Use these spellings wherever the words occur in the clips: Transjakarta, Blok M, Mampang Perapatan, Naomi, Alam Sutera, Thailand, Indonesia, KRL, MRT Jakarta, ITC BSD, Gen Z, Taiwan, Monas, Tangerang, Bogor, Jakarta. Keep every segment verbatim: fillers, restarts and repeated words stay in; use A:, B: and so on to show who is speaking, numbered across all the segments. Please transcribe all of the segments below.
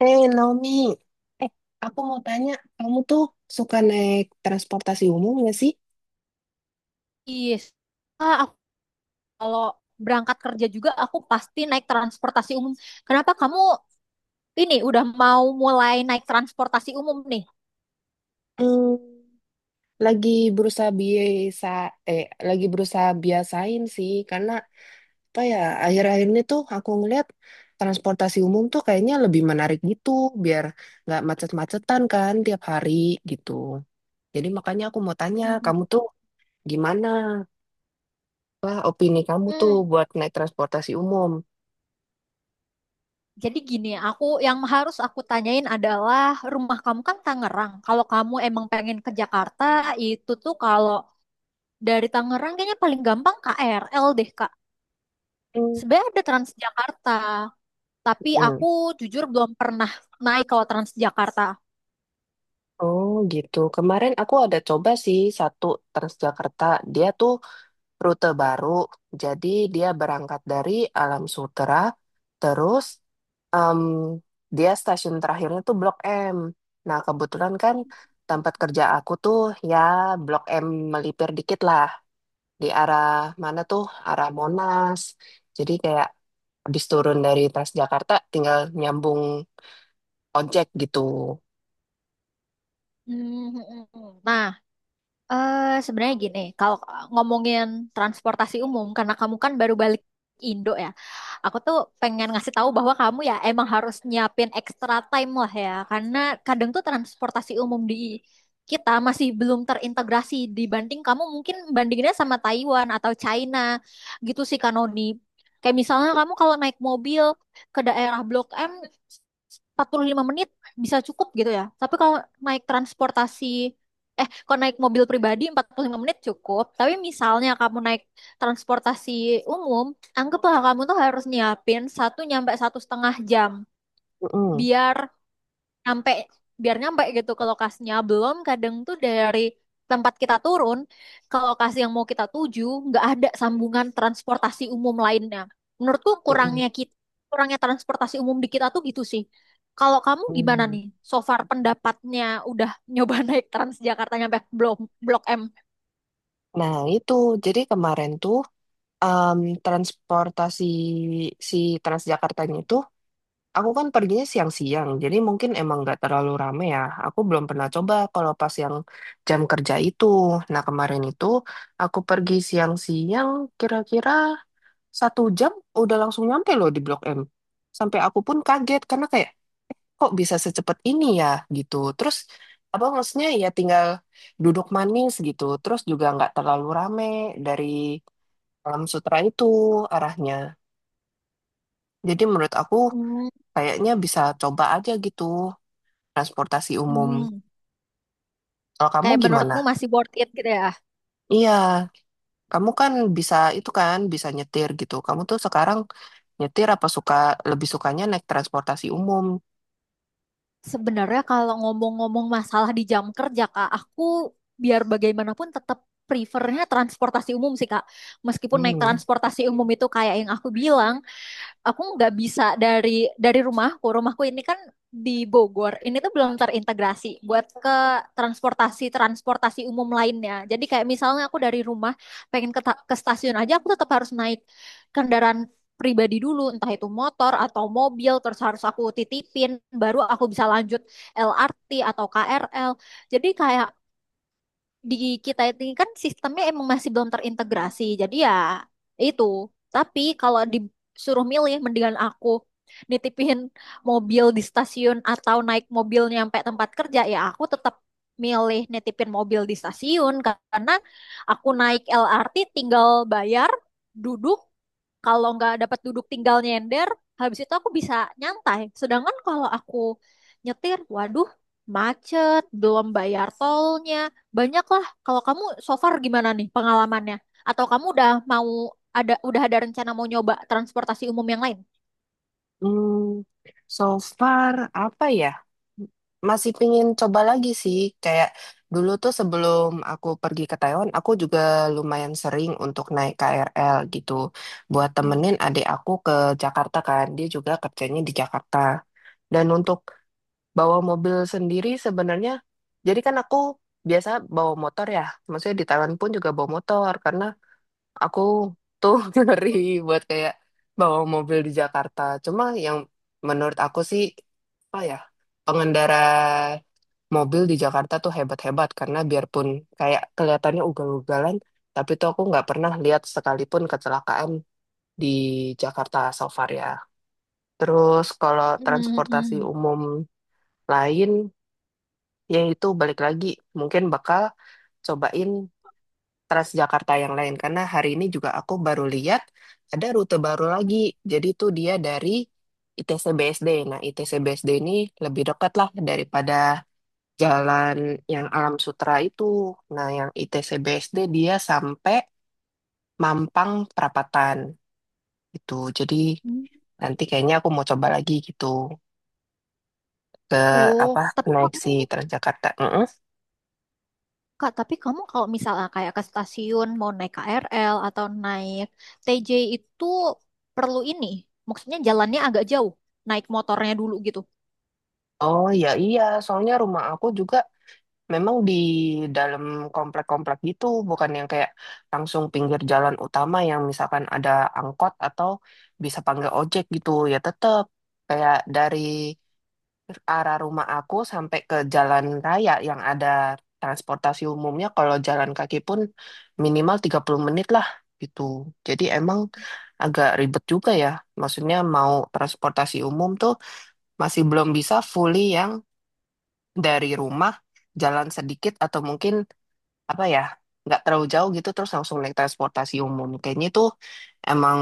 A: Eh, Naomi, eh, aku mau tanya, kamu tuh suka naik transportasi umum nggak sih?
B: Iya. Ah, aku kalau berangkat kerja juga aku pasti naik transportasi umum. Kenapa kamu ini udah mau mulai naik transportasi umum nih?
A: Hmm, lagi berusaha biasa, eh, lagi berusaha biasain sih, karena apa ya, akhir-akhir ini tuh aku ngeliat transportasi umum tuh kayaknya lebih menarik gitu, biar nggak macet-macetan kan tiap hari gitu. Jadi makanya aku mau tanya, kamu
B: Mm-mm.
A: tuh gimana? Apa opini kamu tuh
B: Hmm.
A: buat naik transportasi umum?
B: Jadi gini, aku yang harus aku tanyain adalah rumah kamu kan Tangerang. Kalau kamu emang pengen ke Jakarta, itu tuh kalau dari Tangerang kayaknya paling gampang K R L deh, Kak. Sebenarnya ada Transjakarta, tapi
A: Hmm.
B: aku jujur belum pernah naik kalau Transjakarta.
A: Oh gitu. Kemarin aku ada coba sih satu Transjakarta. Dia tuh rute baru. Jadi dia berangkat dari Alam Sutera. Terus em, dia stasiun terakhirnya tuh Blok M. Nah kebetulan kan tempat kerja aku tuh ya Blok M, melipir dikit lah. Di arah mana tuh? Arah Monas. Jadi kayak habis turun dari Transjakarta tinggal nyambung ojek gitu.
B: Hmm. Hmm, hmm. Nah, Eh, sebenarnya gini, kalau ngomongin transportasi umum, karena kamu kan baru balik Indo ya, aku tuh pengen ngasih tahu bahwa kamu ya emang harus nyiapin extra time lah ya, karena kadang tuh transportasi umum di kita masih belum terintegrasi dibanding kamu mungkin bandinginnya sama Taiwan atau China gitu sih Kanoni. Kayak misalnya kamu kalau naik mobil ke daerah Blok M empat puluh lima menit bisa cukup gitu ya. Tapi kalau naik transportasi Eh, kalau naik mobil pribadi empat puluh lima menit cukup. Tapi misalnya kamu naik transportasi umum, anggaplah kamu tuh harus nyiapin satu nyampe satu setengah jam.
A: Mm-mm,
B: Biar nyampe biar nyampe gitu ke lokasinya. Belum kadang tuh dari tempat kita turun ke lokasi yang mau kita tuju nggak ada sambungan transportasi umum lainnya. Menurutku
A: mm-mm,
B: kurangnya kita kurangnya transportasi umum di kita tuh gitu sih. Kalau kamu gimana
A: mm.
B: nih, so far pendapatnya? Udah nyoba naik Transjakarta nyampe Blok Blok M.
A: Nah, itu jadi kemarin tuh em, transportasi si Transjakartanya itu, aku kan perginya siang-siang, jadi mungkin emang nggak terlalu rame ya. Aku belum pernah coba kalau pas yang jam kerja itu. Nah, kemarin itu aku pergi siang-siang, kira-kira satu jam udah langsung nyampe loh di Blok M. Sampai aku pun kaget karena kayak kok bisa secepat ini ya gitu. Terus apa maksudnya ya tinggal duduk manis gitu. Terus juga nggak terlalu rame dari Alam Sutra itu arahnya. Jadi menurut aku
B: Hmm,
A: kayaknya bisa coba aja gitu, transportasi umum.
B: hmm.
A: Kalau kamu
B: Kayak
A: gimana?
B: menurutmu masih worth it gitu ya?
A: Iya, kamu kan bisa itu kan, bisa nyetir gitu. Kamu tuh sekarang nyetir apa suka lebih sukanya naik transportasi umum?
B: Sebenarnya kalau ngomong-ngomong masalah di jam kerja, Kak, aku biar bagaimanapun tetap prefernya transportasi umum sih, Kak. Meskipun naik
A: Hmm.
B: transportasi umum itu kayak yang aku bilang, aku nggak bisa dari dari rumahku. Rumahku ini kan di Bogor. Ini tuh belum terintegrasi buat ke transportasi transportasi umum lainnya. Jadi kayak misalnya aku dari rumah pengen ke, ta- ke stasiun aja, aku tetap harus naik kendaraan pribadi dulu, entah itu motor atau mobil, terus harus aku titipin, baru aku bisa lanjut L R T atau K R L. Jadi kayak di kita ini kan sistemnya emang masih belum terintegrasi. Jadi ya itu. Tapi kalau disuruh milih, mendingan aku nitipin mobil di stasiun atau naik mobil nyampe tempat kerja, ya aku tetap milih nitipin mobil di stasiun karena aku naik L R T tinggal bayar, duduk, kalau nggak dapat duduk tinggal nyender, habis itu aku bisa nyantai. Sedangkan kalau aku nyetir, waduh, macet, belum bayar tolnya, banyak lah. Kalau kamu so far gimana nih pengalamannya, atau kamu udah mau ada udah ada rencana mau nyoba transportasi umum yang lain?
A: Hmm, so far apa ya? Masih pingin coba lagi sih. Kayak dulu tuh sebelum aku pergi ke Taiwan, aku juga lumayan sering untuk naik K R L gitu. Buat temenin adik aku ke Jakarta kan, dia juga kerjanya di Jakarta. Dan untuk bawa mobil sendiri sebenarnya, jadi kan aku biasa bawa motor ya, maksudnya di Thailand pun juga bawa motor karena aku tuh ngeri buat kayak bawa mobil di Jakarta. Cuma yang menurut aku sih apa ya, pengendara mobil di Jakarta tuh hebat-hebat karena biarpun kayak kelihatannya ugal-ugalan, tapi tuh aku nggak pernah lihat sekalipun kecelakaan di Jakarta so far ya. Terus kalau transportasi
B: Hmm.
A: umum lain yaitu balik lagi mungkin bakal cobain Transjakarta yang lain karena hari ini juga aku baru lihat ada rute baru lagi, jadi tuh dia dari ITC BSD. Nah I T C B S D ini lebih dekat lah daripada jalan yang Alam Sutra itu. Nah yang I T C B S D dia sampai Mampang Perapatan gitu, jadi
B: Hmm.
A: nanti kayaknya aku mau coba lagi gitu ke
B: Oh,
A: apa
B: Tapi
A: naik
B: kamu
A: si Transjakarta. Mm-mm.
B: Kak, tapi kamu kalau misalnya kayak ke stasiun mau naik K R L atau naik T J itu perlu ini. Maksudnya jalannya agak jauh, naik motornya dulu gitu.
A: Oh ya iya, soalnya rumah aku juga memang di dalam komplek-komplek gitu, bukan yang kayak langsung pinggir jalan utama yang misalkan ada angkot atau bisa panggil ojek gitu. Ya tetap kayak dari arah rumah aku sampai ke jalan raya yang ada transportasi umumnya, kalau jalan kaki pun minimal tiga puluh menit lah gitu. Jadi emang agak ribet juga ya. Maksudnya mau transportasi umum tuh masih belum bisa fully yang dari rumah jalan sedikit atau mungkin apa ya nggak terlalu jauh gitu terus langsung naik transportasi umum, kayaknya itu emang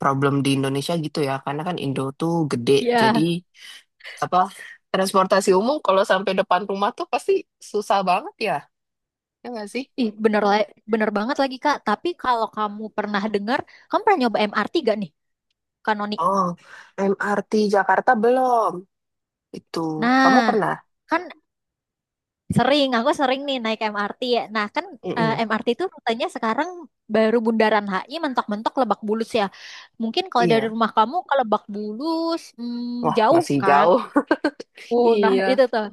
A: problem di Indonesia gitu ya karena kan Indo tuh gede, jadi
B: Iya.
A: apa transportasi umum kalau sampai depan rumah tuh pasti susah banget ya, ya nggak sih?
B: Ih, bener, la- bener banget lagi Kak. Tapi kalau kamu pernah dengar, kamu pernah nyoba M R T gak nih? Kanonik.
A: Oh, M R T Jakarta belum itu, kamu
B: Nah,
A: pernah?
B: kan sering, aku sering nih naik M R T ya. Nah, kan eh,
A: Mm-mm.
B: M R T itu rutenya sekarang baru Bundaran H I mentok-mentok Lebak Bulus ya. Mungkin kalau dari
A: Iya,
B: rumah kamu ke Lebak Bulus, hmm,
A: wah
B: jauh
A: masih
B: kan?
A: jauh.
B: Oh, nah
A: Iya.
B: itu tuh.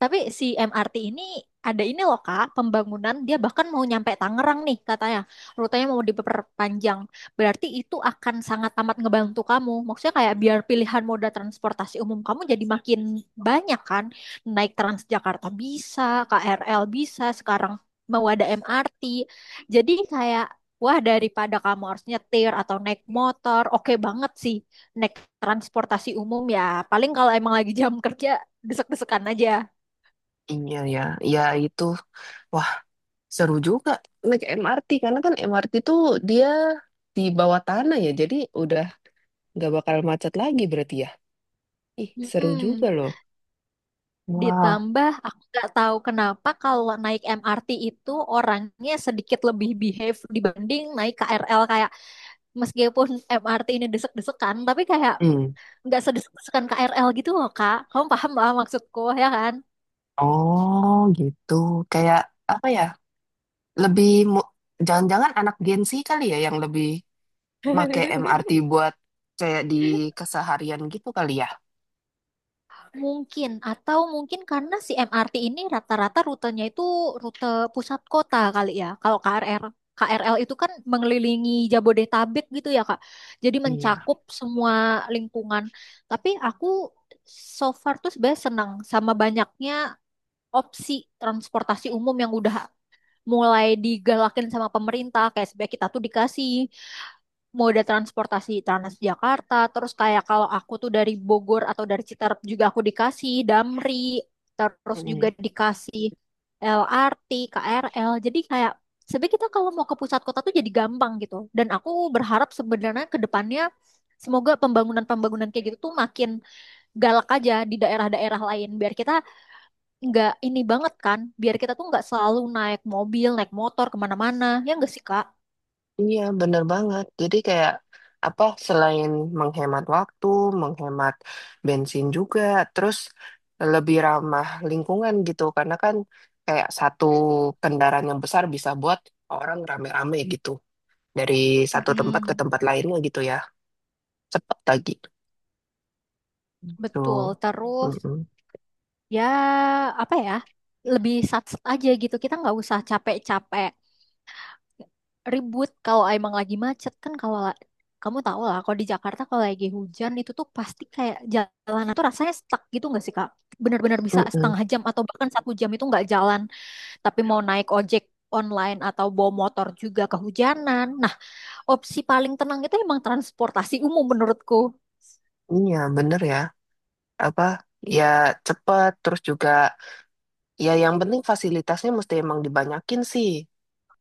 B: Tapi si M R T ini ada ini loh Kak, pembangunan dia bahkan mau nyampe Tangerang nih katanya. Rutenya mau diperpanjang. Berarti itu akan sangat amat ngebantu kamu. Maksudnya kayak biar pilihan moda transportasi umum kamu jadi makin banyak kan. Naik Transjakarta bisa, K R L bisa, sekarang mau ada M R T. Jadi kayak, wah, daripada kamu harus nyetir atau naik motor, oke banget sih naik transportasi umum ya. Paling kalau emang lagi jam kerja, desek-desekan aja.
A: Iya ya. Ya, itu seru juga naik M R T karena kan M R T tuh dia di bawah tanah ya, jadi udah nggak bakal macet lagi berarti ya. Ih, seru juga
B: Mm-mm.
A: loh. Wah,
B: Ditambah aku nggak tahu kenapa kalau naik M R T itu orangnya sedikit lebih behave dibanding naik K R L, kayak meskipun M R T ini desek-desekan tapi kayak
A: hmm.
B: nggak sedesek-desekan K R L gitu loh Kak. Kamu paham lah maksudku ya kan?
A: Oh gitu, kayak apa ya? Lebih mu- jangan-jangan anak Gen Z kali ya yang lebih make M R T buat kayak di keseharian gitu kali ya?
B: Mungkin, atau mungkin karena si M R T ini rata-rata rutenya itu rute pusat kota kali ya. Kalau K R L, K R L itu kan mengelilingi Jabodetabek gitu ya, Kak. Jadi
A: Iya.
B: mencakup semua lingkungan. Tapi aku so far tuh sebenarnya senang sama banyaknya opsi transportasi umum yang udah mulai digalakin sama pemerintah. Kayak sebenarnya kita tuh dikasih moda transportasi Transjakarta, terus kayak kalau aku tuh dari Bogor atau dari Citarap juga aku dikasih Damri, terus
A: Hmm.
B: juga dikasih L R T, K R L. Jadi kayak sebenarnya kita kalau mau ke pusat kota tuh jadi gampang gitu, dan aku berharap sebenarnya ke depannya semoga pembangunan-pembangunan kayak gitu tuh makin galak aja di daerah-daerah lain, biar kita nggak ini banget kan, biar kita tuh nggak selalu naik mobil naik motor kemana-mana, ya nggak sih Kak?
A: Iya, bener banget. Jadi kayak apa selain menghemat waktu, menghemat bensin juga, terus lebih ramah lingkungan gitu. Karena kan kayak satu kendaraan yang besar bisa buat orang rame-rame gitu. Dari satu tempat ke
B: Mm-mm.
A: tempat lainnya gitu ya. Cepat lagi.
B: Betul,
A: Tuh.
B: terus
A: Mm-mm.
B: ya apa ya, lebih sat aja gitu, kita nggak usah capek-capek ribut kalau emang lagi macet kan. Kalau la- kamu tahu lah, kalau di Jakarta kalau lagi hujan itu tuh pasti kayak jalanan tuh rasanya stuck gitu nggak sih Kak, benar-benar bisa
A: Mm-mm.
B: setengah jam atau bahkan satu jam itu nggak jalan. Tapi mau naik ojek online atau bawa motor juga kehujanan. Nah, opsi paling tenang itu emang transportasi umum menurutku.
A: Iya, bener ya. Apa ya cepet terus juga ya yang penting fasilitasnya mesti emang dibanyakin sih.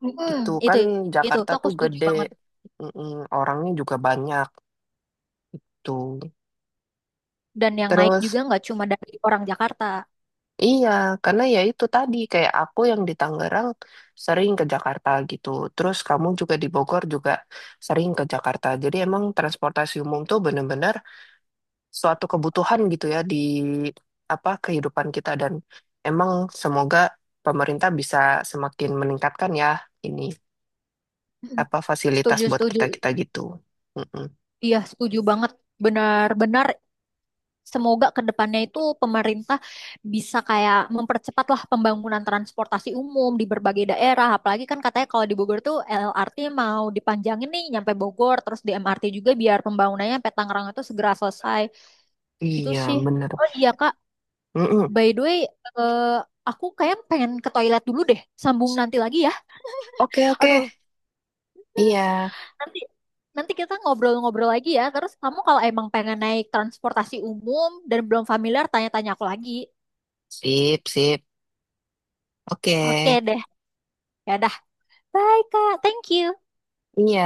B: Mm-mm,
A: Gitu
B: itu
A: kan,
B: itu
A: Jakarta
B: tuh aku
A: tuh
B: setuju
A: gede.
B: banget,
A: Mm-mm, orangnya juga banyak tuh,
B: dan yang naik
A: terus
B: juga nggak cuma dari orang Jakarta.
A: iya karena ya itu tadi kayak aku yang di Tangerang sering ke Jakarta gitu, terus kamu juga di Bogor juga sering ke Jakarta, jadi emang transportasi umum tuh bener-bener suatu kebutuhan gitu ya di apa kehidupan kita, dan emang semoga pemerintah bisa semakin meningkatkan ya ini
B: Mm-mm.
A: apa fasilitas
B: Setuju,
A: buat
B: setuju.
A: kita kita gitu. Mm-mm.
B: Iya, setuju banget. Benar-benar semoga ke depannya itu pemerintah bisa kayak mempercepatlah pembangunan transportasi umum di berbagai daerah. Apalagi kan katanya kalau di Bogor tuh L R T mau dipanjangin nih nyampe Bogor, terus di M R T juga biar pembangunannya sampai Tangerang itu segera selesai. Itu
A: Iya,
B: sih.
A: bener.
B: Oh iya Kak,
A: Mm-mm.
B: by the way, eh, aku kayak pengen ke toilet dulu deh. Sambung nanti lagi ya.
A: Oke, oke.
B: Aduh.
A: Iya.
B: Nanti nanti kita ngobrol-ngobrol lagi ya. Terus kamu kalau emang pengen naik transportasi umum dan belum familiar, tanya-tanya aku lagi.
A: Sip, sip. Oke.
B: Oke deh. Ya dah. Bye, Kak. Thank you.
A: Iya.